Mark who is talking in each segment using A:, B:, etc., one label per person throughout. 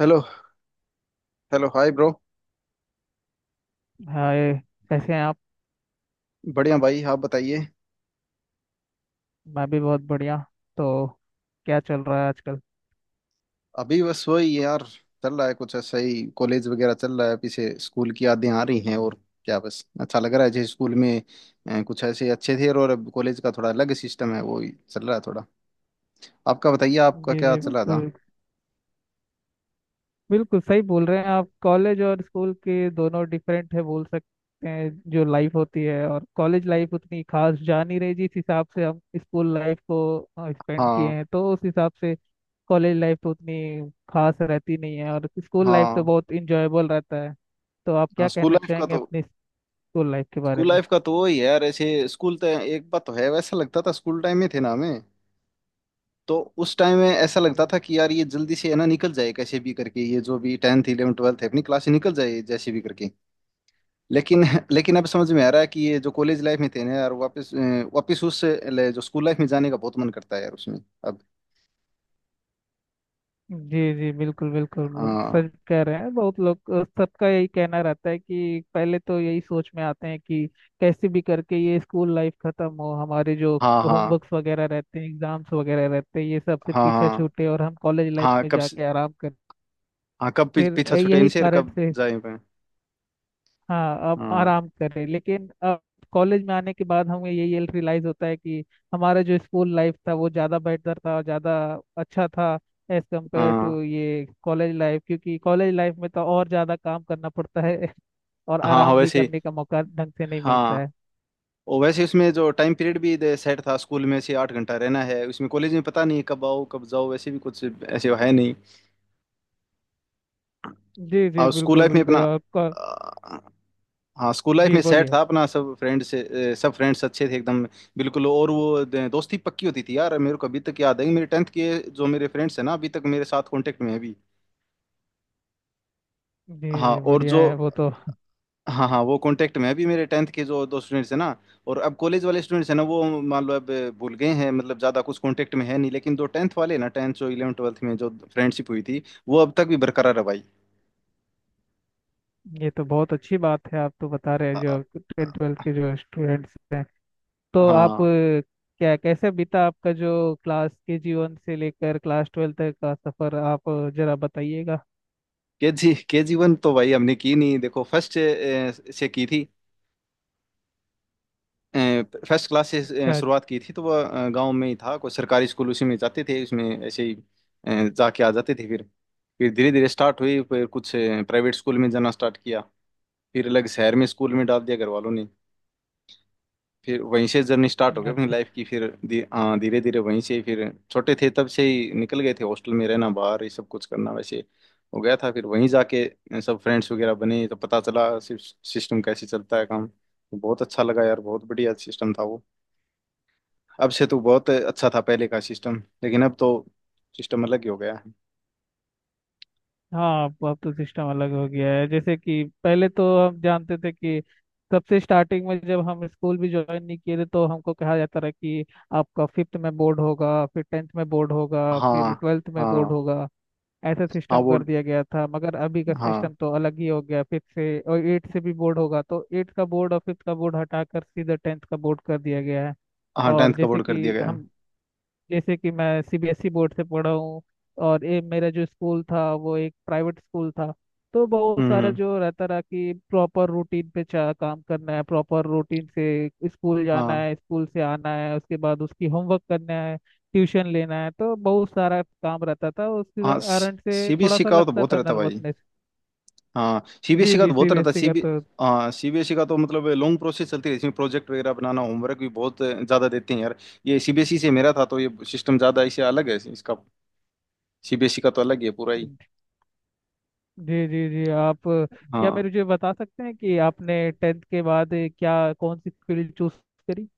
A: Hello hello hi bro.
B: Hi, कैसे हैं आप?
A: बढ़िया भाई, आप बताइए।
B: मैं भी बहुत बढ़िया। तो क्या चल रहा है आजकल?
A: अभी बस वही यार, चल रहा है कुछ ऐसा ही। कॉलेज वगैरह चल रहा है, पीछे स्कूल की यादें आ रही हैं, और क्या, बस अच्छा लग रहा है। जैसे स्कूल में कुछ ऐसे अच्छे थे, और अब कॉलेज का थोड़ा अलग सिस्टम है, वो ही चल रहा है थोड़ा। आपका बताइए, आपका
B: जी
A: क्या
B: जी,
A: चल रहा था।
B: बिल्कुल। बिल्कुल सही बोल रहे हैं आप। कॉलेज और स्कूल के दोनों डिफरेंट है, बोल सकते हैं जो लाइफ होती है, और कॉलेज लाइफ उतनी खास जा नहीं रही जिस हिसाब से हम स्कूल लाइफ को स्पेंड किए
A: हाँ।
B: हैं। तो उस हिसाब से कॉलेज लाइफ तो उतनी खास रहती नहीं है, और स्कूल लाइफ तो
A: हाँ।
B: बहुत इंजॉयबल रहता है। तो आप
A: हाँ।
B: क्या कहना चाहेंगे अपनी स्कूल लाइफ के बारे
A: स्कूल लाइफ का तो वही है यार। ऐसे स्कूल तो एक बात तो है, वैसा लगता था स्कूल टाइम में थे ना हमें, तो उस टाइम में ऐसा लगता
B: में?
A: था कि यार ये जल्दी से है ना निकल जाए कैसे भी करके, ये जो भी 10th 11th 12th है अपनी क्लास से निकल जाए जैसे भी करके। लेकिन लेकिन अब समझ में आ रहा है कि ये जो कॉलेज लाइफ में थे ना यार, वापस वापस जो स्कूल लाइफ में जाने का बहुत मन करता है यार उसमें। अब।
B: जी जी, बिल्कुल बिल्कुल, वो
A: हाँ।
B: सच कह रहे हैं। बहुत लोग, सबका यही कहना रहता है कि पहले तो यही सोच में आते हैं कि कैसे भी करके ये स्कूल लाइफ खत्म हो। हमारे जो
A: हाँ। हाँ।
B: होमवर्क्स वगैरह रहते हैं, एग्जाम्स वगैरह रहते हैं, ये सब से
A: हाँ।
B: पीछा
A: हाँ।
B: छूटे और हम कॉलेज लाइफ
A: हाँ
B: में
A: कब से-
B: जाके आराम करें।
A: हाँ, कब
B: फिर
A: पीछा छूटे
B: यही
A: इनसे और
B: कारण
A: कब
B: से,
A: जाए पे।
B: हाँ, अब
A: हाँ।
B: आराम करें। लेकिन अब कॉलेज में आने के बाद हमें यही रियलाइज होता है कि हमारा जो स्कूल लाइफ था वो ज़्यादा बेहतर था और ज़्यादा अच्छा था एज कम्पेयर
A: हाँ।
B: टू ये कॉलेज लाइफ, क्योंकि कॉलेज लाइफ में तो और ज़्यादा काम करना पड़ता है और
A: हाँ। हाँ
B: आराम भी
A: वैसे ही।
B: करने का मौका ढंग से नहीं मिलता
A: हाँ,
B: है।
A: और वैसे उसमें जो टाइम पीरियड भी सेट था स्कूल में, से 8 घंटा रहना है उसमें, कॉलेज में पता नहीं कब आओ कब जाओ, वैसे भी कुछ ऐसे है नहीं।
B: जी जी,
A: और स्कूल
B: बिल्कुल
A: लाइफ में अपना
B: बिल्कुल आपका।
A: अ, हाँ, स्कूल लाइफ
B: जी,
A: में सेट
B: बोलिए।
A: था अपना सब फ्रेंड से। सब फ्रेंड्स अच्छे थे एकदम, बिल्कुल। और वो दोस्ती पक्की होती थी यार, मेरे को अभी तक याद है कि मेरे टेंथ के जो मेरे फ्रेंड्स हैं ना, अभी तक मेरे साथ कांटेक्ट में है अभी।
B: जी
A: हाँ,
B: जी,
A: और
B: बढ़िया
A: जो,
B: है वो तो।
A: हाँ हाँ, वो कांटेक्ट में है। अभी मेरे टेंथ के जो दो स्टूडेंट्स हैं ना, और अब कॉलेज वाले स्टूडेंट्स हैं ना वो मान लो अब भूल गए हैं, मतलब ज़्यादा कुछ कांटेक्ट में है नहीं, लेकिन जो टेंथ वाले हैं ना, टेंथ जो इलेवन ट्वेल्थ में जो फ्रेंडशिप हुई थी वो अब तक भी बरकरार है भाई।
B: ये तो बहुत अच्छी बात है। आप तो बता रहे
A: आ,
B: हैं
A: आ,
B: जो टेंथ ट्वेल्थ के जो स्टूडेंट्स हैं। तो आप,
A: हाँ,
B: क्या, कैसे बीता आपका जो क्लास के जीवन से लेकर क्लास ट्वेल्थ तक का सफर, आप जरा बताइएगा।
A: के जी, के जी वन तो भाई हमने की नहीं, देखो फर्स्ट से की थी। फर्स्ट क्लास से
B: अच्छा, अच्छा।
A: शुरुआत की थी, तो वो गांव में ही था कोई सरकारी स्कूल, उसी में जाते थे, उसमें ऐसे ही जाके आ जाते थे। फिर धीरे धीरे स्टार्ट हुई, फिर कुछ प्राइवेट स्कूल में जाना स्टार्ट किया, फिर अलग शहर में स्कूल में डाल दिया घर वालों ने, फिर वहीं से जर्नी स्टार्ट हो
B: अच्छा,
A: गई अपनी
B: अच्छा।
A: लाइफ की। फिर हाँ, धीरे धीरे वहीं से, फिर छोटे थे तब से ही निकल गए थे, हॉस्टल में रहना, बाहर ये सब कुछ करना वैसे हो गया था। फिर वहीं जाके सब फ्रेंड्स वगैरह बने, तो पता चला सिस्टम कैसे चलता है काम, तो बहुत अच्छा लगा यार, बहुत बढ़िया सिस्टम था वो। अब से तो बहुत अच्छा था पहले का सिस्टम, लेकिन अब तो सिस्टम अलग ही हो गया है।
B: हाँ, अब तो सिस्टम अलग हो गया है। जैसे कि पहले तो हम जानते थे कि सबसे स्टार्टिंग में जब हम स्कूल भी ज्वाइन नहीं किए थे, तो हमको कहा जाता रहा कि आपका फिफ्थ में बोर्ड होगा, फिर टेंथ में बोर्ड होगा, फिर
A: हाँ।
B: ट्वेल्थ में बोर्ड
A: हाँ।
B: होगा। ऐसा
A: हाँ,
B: सिस्टम कर
A: बोर्ड।
B: दिया गया था, मगर अभी का
A: हाँ।
B: सिस्टम तो अलग ही हो गया। फिफ्थ से और एट से भी बोर्ड होगा, तो एट का बोर्ड और फिफ्थ का बोर्ड हटाकर सीधा टेंथ का बोर्ड कर दिया गया है।
A: हाँ,
B: और
A: टेंथ का बोर्ड कर दिया गया है।
B: जैसे कि मैं सीबीएसई बोर्ड से पढ़ा हूँ, और ये मेरा जो स्कूल था वो एक प्राइवेट स्कूल था। तो बहुत सारा
A: हम्म।
B: जो रहता रहा कि प्रॉपर रूटीन पे चा काम करना है, प्रॉपर रूटीन से स्कूल जाना
A: हाँ।
B: है, स्कूल से आना है, उसके बाद उसकी होमवर्क करना है, ट्यूशन लेना है। तो बहुत सारा काम रहता था, उसके
A: हाँ
B: कारण से थोड़ा
A: सीबीएसई
B: सा
A: का तो
B: लगता
A: बहुत
B: था
A: रहता भाई।
B: नर्वसनेस।
A: हाँ
B: जी
A: सीबीएसई का
B: जी,
A: तो बहुत रहता
B: सीबीएसई का
A: सीबी
B: तो।
A: हाँ सीबीएसई का तो मतलब लॉन्ग प्रोसेस चलती रहती है इसमें, प्रोजेक्ट वगैरह बनाना, होमवर्क भी बहुत ज़्यादा देते हैं यार। ये सीबीएसई से मेरा था तो ये सिस्टम ज़्यादा इससे अलग है इसका। सीबीएसई का तो अलग ही है पूरा ही।
B: जी जी जी, आप, क्या
A: हाँ।
B: मेरे मुझे बता सकते हैं कि आपने टेंथ के बाद क्या कौन सी फील्ड चूज करी?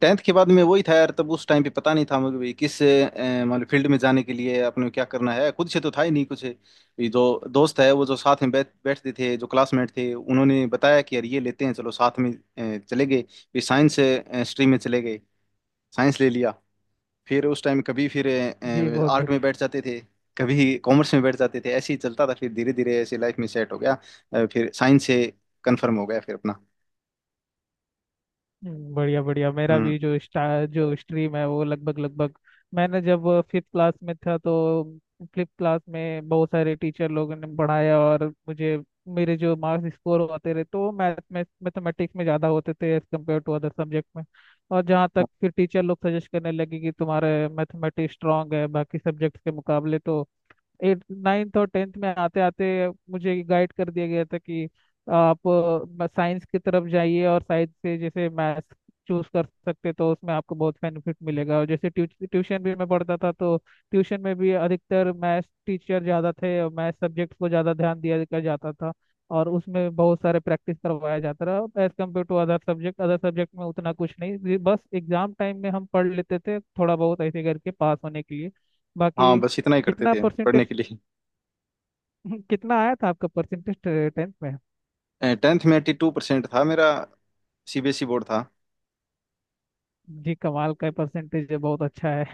A: टेंथ के बाद में वही था यार, तब उस टाइम पे पता नहीं था मुझे भी किस मतलब फील्ड में जाने के लिए अपने को क्या करना है। खुद से तो था ही नहीं कुछ, ये जो दोस्त है वो जो साथ में बैठ बैठते थे, जो क्लासमेट थे उन्होंने बताया कि यार ये लेते हैं चलो साथ में, चले गए। फिर साइंस स्ट्रीम में चले गए, साइंस ले लिया। फिर उस टाइम कभी फिर
B: जी, बहुत
A: आर्ट में
B: बढ़िया।
A: बैठ जाते थे, कभी कॉमर्स में बैठ जाते थे, ऐसे ही चलता था, फिर धीरे धीरे ऐसे लाइफ में सेट हो गया। फिर साइंस से कन्फर्म हो गया फिर अपना।
B: बढ़िया बढ़िया, मेरा
A: हम्म।
B: भी जो स्टा जो स्ट्रीम है वो लगभग लगभग, मैंने जब फिफ्थ क्लास में था तो फिफ्थ क्लास में बहुत सारे टीचर लोगों ने पढ़ाया, और मुझे, मेरे जो मार्क्स स्कोर होते रहे तो वो मैथमेटिक्स में ज़्यादा होते थे as compare to other subject में। और जहाँ तक फिर टीचर लोग सजेस्ट करने लगे कि तुम्हारे मैथमेटिक्स स्ट्रांग है बाकी सब्जेक्ट्स के मुकाबले, तो एट, नाइन्थ और टेंथ में आते आते मुझे गाइड कर दिया गया था कि आप साइंस की तरफ जाइए, और साइंस से जैसे मैथ्स चूज कर सकते तो उसमें आपको बहुत बेनिफिट मिलेगा। और जैसे ट्यूशन भी मैं पढ़ता था, तो ट्यूशन में भी अधिकतर मैथ्स टीचर ज़्यादा थे और मैथ्स सब्जेक्ट को ज़्यादा ध्यान दिया दिया जाता था। और उसमें बहुत सारे प्रैक्टिस करवाया जाता रहा as compare to other subject. Other subject में उतना कुछ नहीं, ये बस एग्जाम टाइम में हम पढ़ लेते थे थोड़ा बहुत ऐसे करके पास होने के लिए,
A: हाँ,
B: बाकी।
A: बस इतना ही करते
B: कितना
A: थे पढ़ने
B: परसेंटेज
A: के लिए।
B: कितना आया था आपका परसेंटेज टेंथ में?
A: टेंथ में 82% था मेरा, सीबीएसई बोर्ड था।
B: जी, कमाल का परसेंटेज है, बहुत अच्छा है।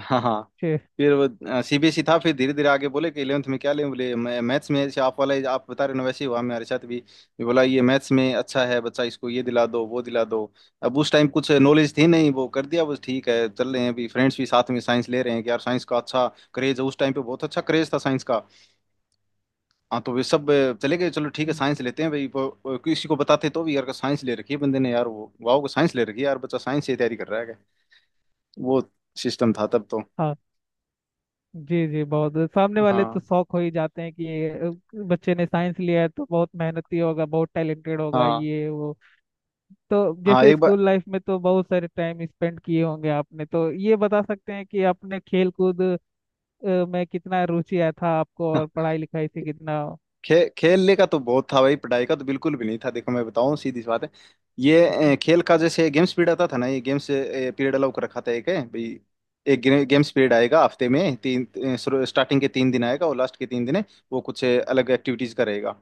A: हाँ। हाँ।
B: जी।
A: फिर वो सीबीएसई था, फिर धीरे धीरे आगे बोले कि 11th में क्या लें, बोले मैं मैथ्स में, जैसे आप वाला आप बता रहे हो ना वैसे ही हुआ मेरे साथ भी, ये बोला ये मैथ्स में अच्छा है बच्चा, इसको ये दिला दो वो दिला दो। अब उस टाइम कुछ नॉलेज थी नहीं, वो कर दिया बस, ठीक है चल रहे हैं, अभी फ्रेंड्स भी साथ में साइंस ले रहे हैं कि यार साइंस का अच्छा क्रेज है, उस टाइम पे बहुत अच्छा क्रेज था साइंस का। हाँ, तो वे सब चले गए, चलो ठीक है साइंस लेते हैं भाई। वो किसी को बताते तो भी यार साइंस ले रखी है बंदे ने, यार वो वाओ साइंस ले रखी है यार, बच्चा साइंस से तैयारी कर रहा है, वो सिस्टम था तब तो।
B: हाँ, जी जी, बहुत सामने वाले तो
A: हाँ।
B: शौक हो ही जाते हैं कि ये, बच्चे ने साइंस लिया है तो बहुत मेहनती होगा, बहुत टैलेंटेड होगा,
A: हाँ।
B: ये वो। तो
A: हाँ,
B: जैसे
A: एक बार।
B: स्कूल लाइफ में तो बहुत सारे टाइम स्पेंड किए होंगे आपने, तो ये बता सकते हैं कि आपने खेल कूद में कितना रुचि आया था आपको,
A: हाँ।
B: और पढ़ाई लिखाई से कितना?
A: खेलने का तो बहुत था भाई, पढ़ाई का तो बिल्कुल भी नहीं था। देखो मैं बताऊं, सीधी सी बात है, ये खेल का जैसे गेम्स पीरियड आता था ना, ये गेम्स पीरियड अलाउ कर रखा था एक है भाई। एक गेम्स पीरियड आएगा हफ्ते में तीन, स्टार्टिंग के तीन दिन आएगा और लास्ट के तीन दिन है, वो कुछ अलग एक्टिविटीज का रहेगा।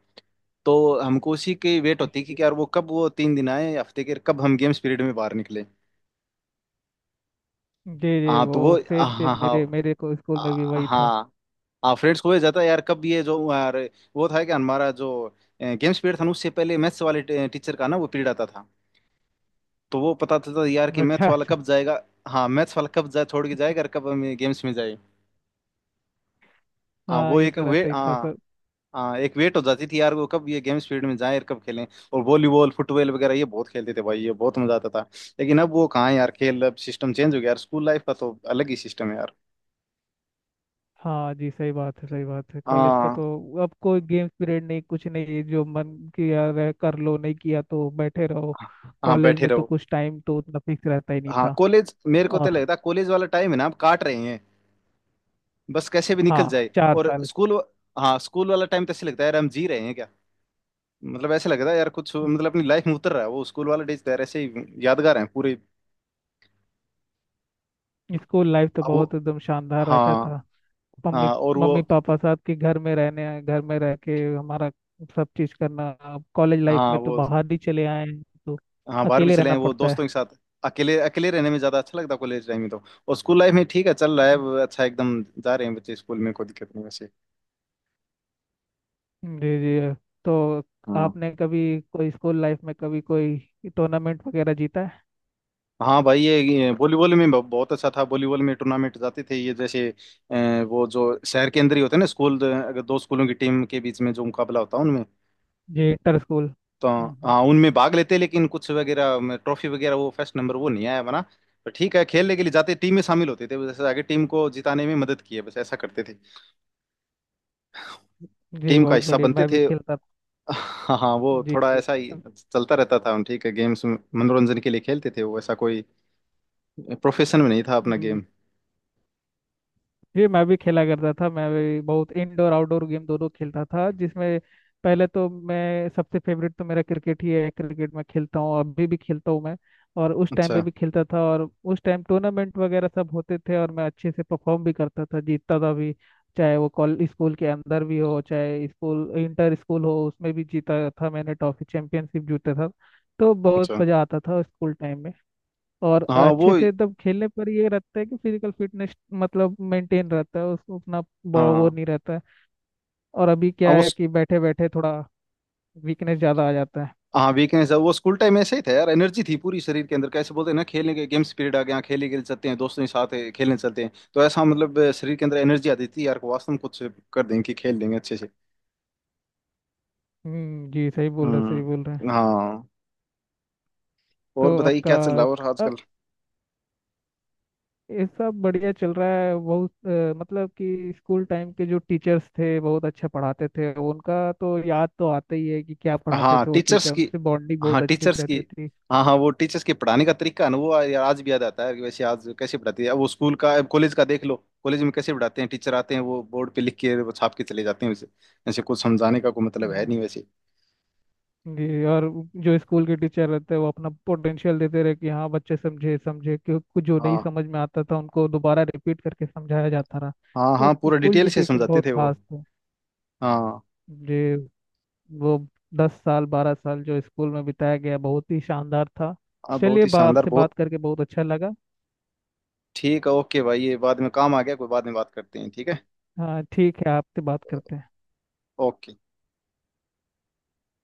A: तो हमको उसी की वेट
B: जी
A: होती है
B: जी
A: कि यार वो कब, वो तीन दिन आए हफ्ते के, कब हम गेम्स पीरियड में बाहर निकले।
B: जी, जी,
A: हाँ तो
B: वो
A: वो।
B: सेम
A: हाँ।
B: सेम,
A: हाँ।
B: मेरे मेरे को स्कूल में भी
A: हाँ।
B: वही था।
A: हाँ हाँ फ्रेंड्स को जाता है यार कब ये जो, अरे, वो था क्या हमारा जो गेम्स पीरियड था ना, उससे पहले मैथ्स वाले टीचर का ना वो पीरियड आता था, तो वो पता चलता था यार कि मैथ्स
B: अच्छा,
A: वाला
B: अच्छा।
A: कब जाएगा। हाँ, मैथ्स वाला कब जा छोड़ के जाएगा और कब हम गेम्स में जाए। हाँ
B: हाँ,
A: वो
B: ये
A: एक
B: तो
A: वे।
B: रहता ही था,
A: हाँ।
B: सर।
A: हाँ, एक वेट हो जाती थी यार वो कब ये गेम्स पीरियड में जाए और कब खेलें। और वॉलीबॉल फुटबॉल वगैरह ये बहुत खेलते थे भाई, ये बहुत मजा आता था। लेकिन अब वो कहाँ है यार खेल, अब सिस्टम चेंज हो गया यार, स्कूल लाइफ का तो अलग ही सिस्टम है यार।
B: हाँ जी, सही बात है, सही बात है। कॉलेज का
A: हाँ।
B: तो अब कोई गेम्स पीरियड नहीं कुछ नहीं, जो मन किया रह कर लो, नहीं किया तो बैठे रहो।
A: हाँ
B: कॉलेज
A: बैठे
B: में तो
A: रहो।
B: कुछ टाइम तो उतना फिक्स रहता ही नहीं
A: हाँ,
B: था।
A: कॉलेज मेरे को तो
B: और
A: लगता है कॉलेज वाला टाइम है ना आप काट रहे हैं बस कैसे भी निकल
B: हाँ,
A: जाए,
B: चार
A: और
B: साल
A: स्कूल, हाँ स्कूल वाला टाइम तो ऐसे लगता है यार हम जी रहे हैं क्या, मतलब ऐसे लगता है यार कुछ, मतलब अपनी लाइफ में उतर रहा है वो, स्कूल वाला डेज तो यार ऐसे ही यादगार है पूरे।
B: स्कूल लाइफ तो
A: अब वो।
B: बहुत एकदम शानदार रहता था।
A: हाँ।
B: मम्मी
A: हाँ, और वो।
B: मम्मी पापा साथ के घर में रह के हमारा सब चीज करना। अब कॉलेज लाइफ
A: हाँ
B: में तो
A: वो।
B: बाहर ही चले आए हैं, तो
A: हाँ, बाहर भी
B: अकेले
A: चले
B: रहना
A: हैं वो
B: पड़ता
A: दोस्तों के साथ, अकेले, अकेले रहने में ज्यादा अच्छा लगता है कॉलेज टाइम में तो। और स्कूल लाइफ में ठीक है चल रहा
B: है।
A: है, अच्छा एकदम जा रहे हैं बच्चे स्कूल में, कोई दिक्कत नहीं वैसे।
B: जी जी, तो
A: हाँ।
B: आपने कभी कोई स्कूल लाइफ में कभी कोई टूर्नामेंट वगैरह जीता है?
A: हाँ भाई ये वॉलीबॉल में बहुत अच्छा था, वॉलीबॉल में टूर्नामेंट जाते थे। ये जैसे वो जो शहर के अंदर ही होते हैं ना स्कूल, अगर दो स्कूलों की टीम के बीच में जो मुकाबला होता है उनमें,
B: जी, इंटर स्कूल।
A: तो।
B: हम्म हम्म।
A: हाँ, उनमें भाग लेते, लेकिन कुछ वगैरह ट्रॉफी वगैरह वो फर्स्ट नंबर वो नहीं आया हमारा, पर ठीक है, खेलने के लिए जाते, टीम में शामिल होते थे, जैसे आगे टीम को जिताने में मदद की है, बस ऐसा करते थे,
B: जी,
A: टीम का
B: बहुत
A: हिस्सा
B: बढ़िया।
A: बनते
B: मैं भी
A: थे।
B: खेलता था।
A: हाँ हाँ, वो
B: जी
A: थोड़ा ऐसा ही चलता रहता था, ठीक है, गेम्स मनोरंजन के लिए खेलते थे, वो ऐसा कोई प्रोफेशन में नहीं था अपना
B: जी
A: गेम।
B: जी, मैं भी खेला करता था। मैं भी बहुत इंडोर आउटडोर गेम दोनों खेलता था, जिसमें पहले तो मैं, सबसे फेवरेट तो मेरा क्रिकेट ही है। क्रिकेट मैं खेलता हूँ, अभी भी खेलता हूँ मैं, और उस टाइम
A: अच्छा
B: पे भी खेलता था। और उस टाइम टूर्नामेंट वगैरह सब होते थे, और मैं अच्छे से परफॉर्म भी करता था, जीतता था भी। चाहे वो कॉल स्कूल के अंदर भी हो, चाहे स्कूल, इंटर स्कूल हो, उसमें भी जीता था मैंने, ट्रॉफी, चैंपियनशिप जीता था। तो बहुत
A: अच्छा।
B: मजा आता था स्कूल टाइम में। और
A: हाँ वो।
B: अच्छे से एकदम खेलने पर ये रहता है कि फिजिकल फिटनेस मतलब मेंटेन रहता है, उसको अपना वो
A: हाँ।
B: नहीं रहता है। और अभी
A: हाँ
B: क्या
A: वो।
B: है कि बैठे बैठे थोड़ा वीकनेस ज़्यादा आ जाता है।
A: हाँ वीकनेस है वो, स्कूल टाइम ऐसे ही था यार, एनर्जी थी पूरी शरीर के अंदर, कैसे बोलते हैं ना, खेलने के गेम्स पीरियड आ गया, हाँ, खेलने, खेल सकते हैं दोस्तों के साथ है, खेलने चलते हैं, तो ऐसा मतलब शरीर के अंदर एनर्जी आती थी यार, को वास्तव में कुछ कर देंगे कि खेल देंगे अच्छे से।
B: जी, सही बोल रहे हैं।
A: हम्म। हाँ,
B: तो
A: और बताइए
B: आपका,
A: क्या चल रहा है और
B: अ,
A: आजकल।
B: ये सब बढ़िया चल रहा है। बहुत, मतलब कि स्कूल टाइम के जो टीचर्स थे बहुत अच्छा पढ़ाते थे, उनका तो याद तो आता ही है कि क्या पढ़ाते
A: हाँ
B: थे वो
A: टीचर्स
B: टीचर,
A: की।
B: उनसे बॉन्डिंग
A: हाँ
B: बहुत अच्छी
A: टीचर्स की।
B: रहती
A: हाँ हाँ, वो टीचर्स के पढ़ाने का तरीका है ना, वो यार आज भी याद आता है कि वैसे आज कैसे पढ़ाती है, अब वो स्कूल का, अब कॉलेज का देख लो, कॉलेज में कैसे पढ़ाते हैं टीचर आते हैं वो बोर्ड पे लिख के वो छाप के चले जाते हैं वैसे, ऐसे कुछ समझाने का कोई मतलब है
B: थी।
A: नहीं वैसे।
B: जी, और जो स्कूल के टीचर रहते हैं वो अपना पोटेंशियल देते रहे कि हाँ बच्चे समझे, क्यों कुछ जो नहीं
A: हाँ।
B: समझ में आता था उनको दोबारा रिपीट करके समझाया जाता रहा।
A: हाँ
B: तो
A: हाँ, पूरा
B: स्कूल
A: डिटेल
B: के
A: से
B: टीचर
A: समझाते
B: बहुत
A: थे वो।
B: खास थे।
A: हाँ।
B: जी, वो 10 साल 12 साल जो स्कूल में बिताया गया बहुत ही शानदार था।
A: हाँ बहुत
B: चलिए,
A: ही शानदार,
B: आपसे बात
A: बहुत।
B: करके बहुत अच्छा लगा।
A: ठीक है, ओके भाई, ये बाद में काम आ गया, कोई बाद में बात करते हैं, ठीक है।
B: हाँ, ठीक है, आपसे बात करते हैं।
A: ओके।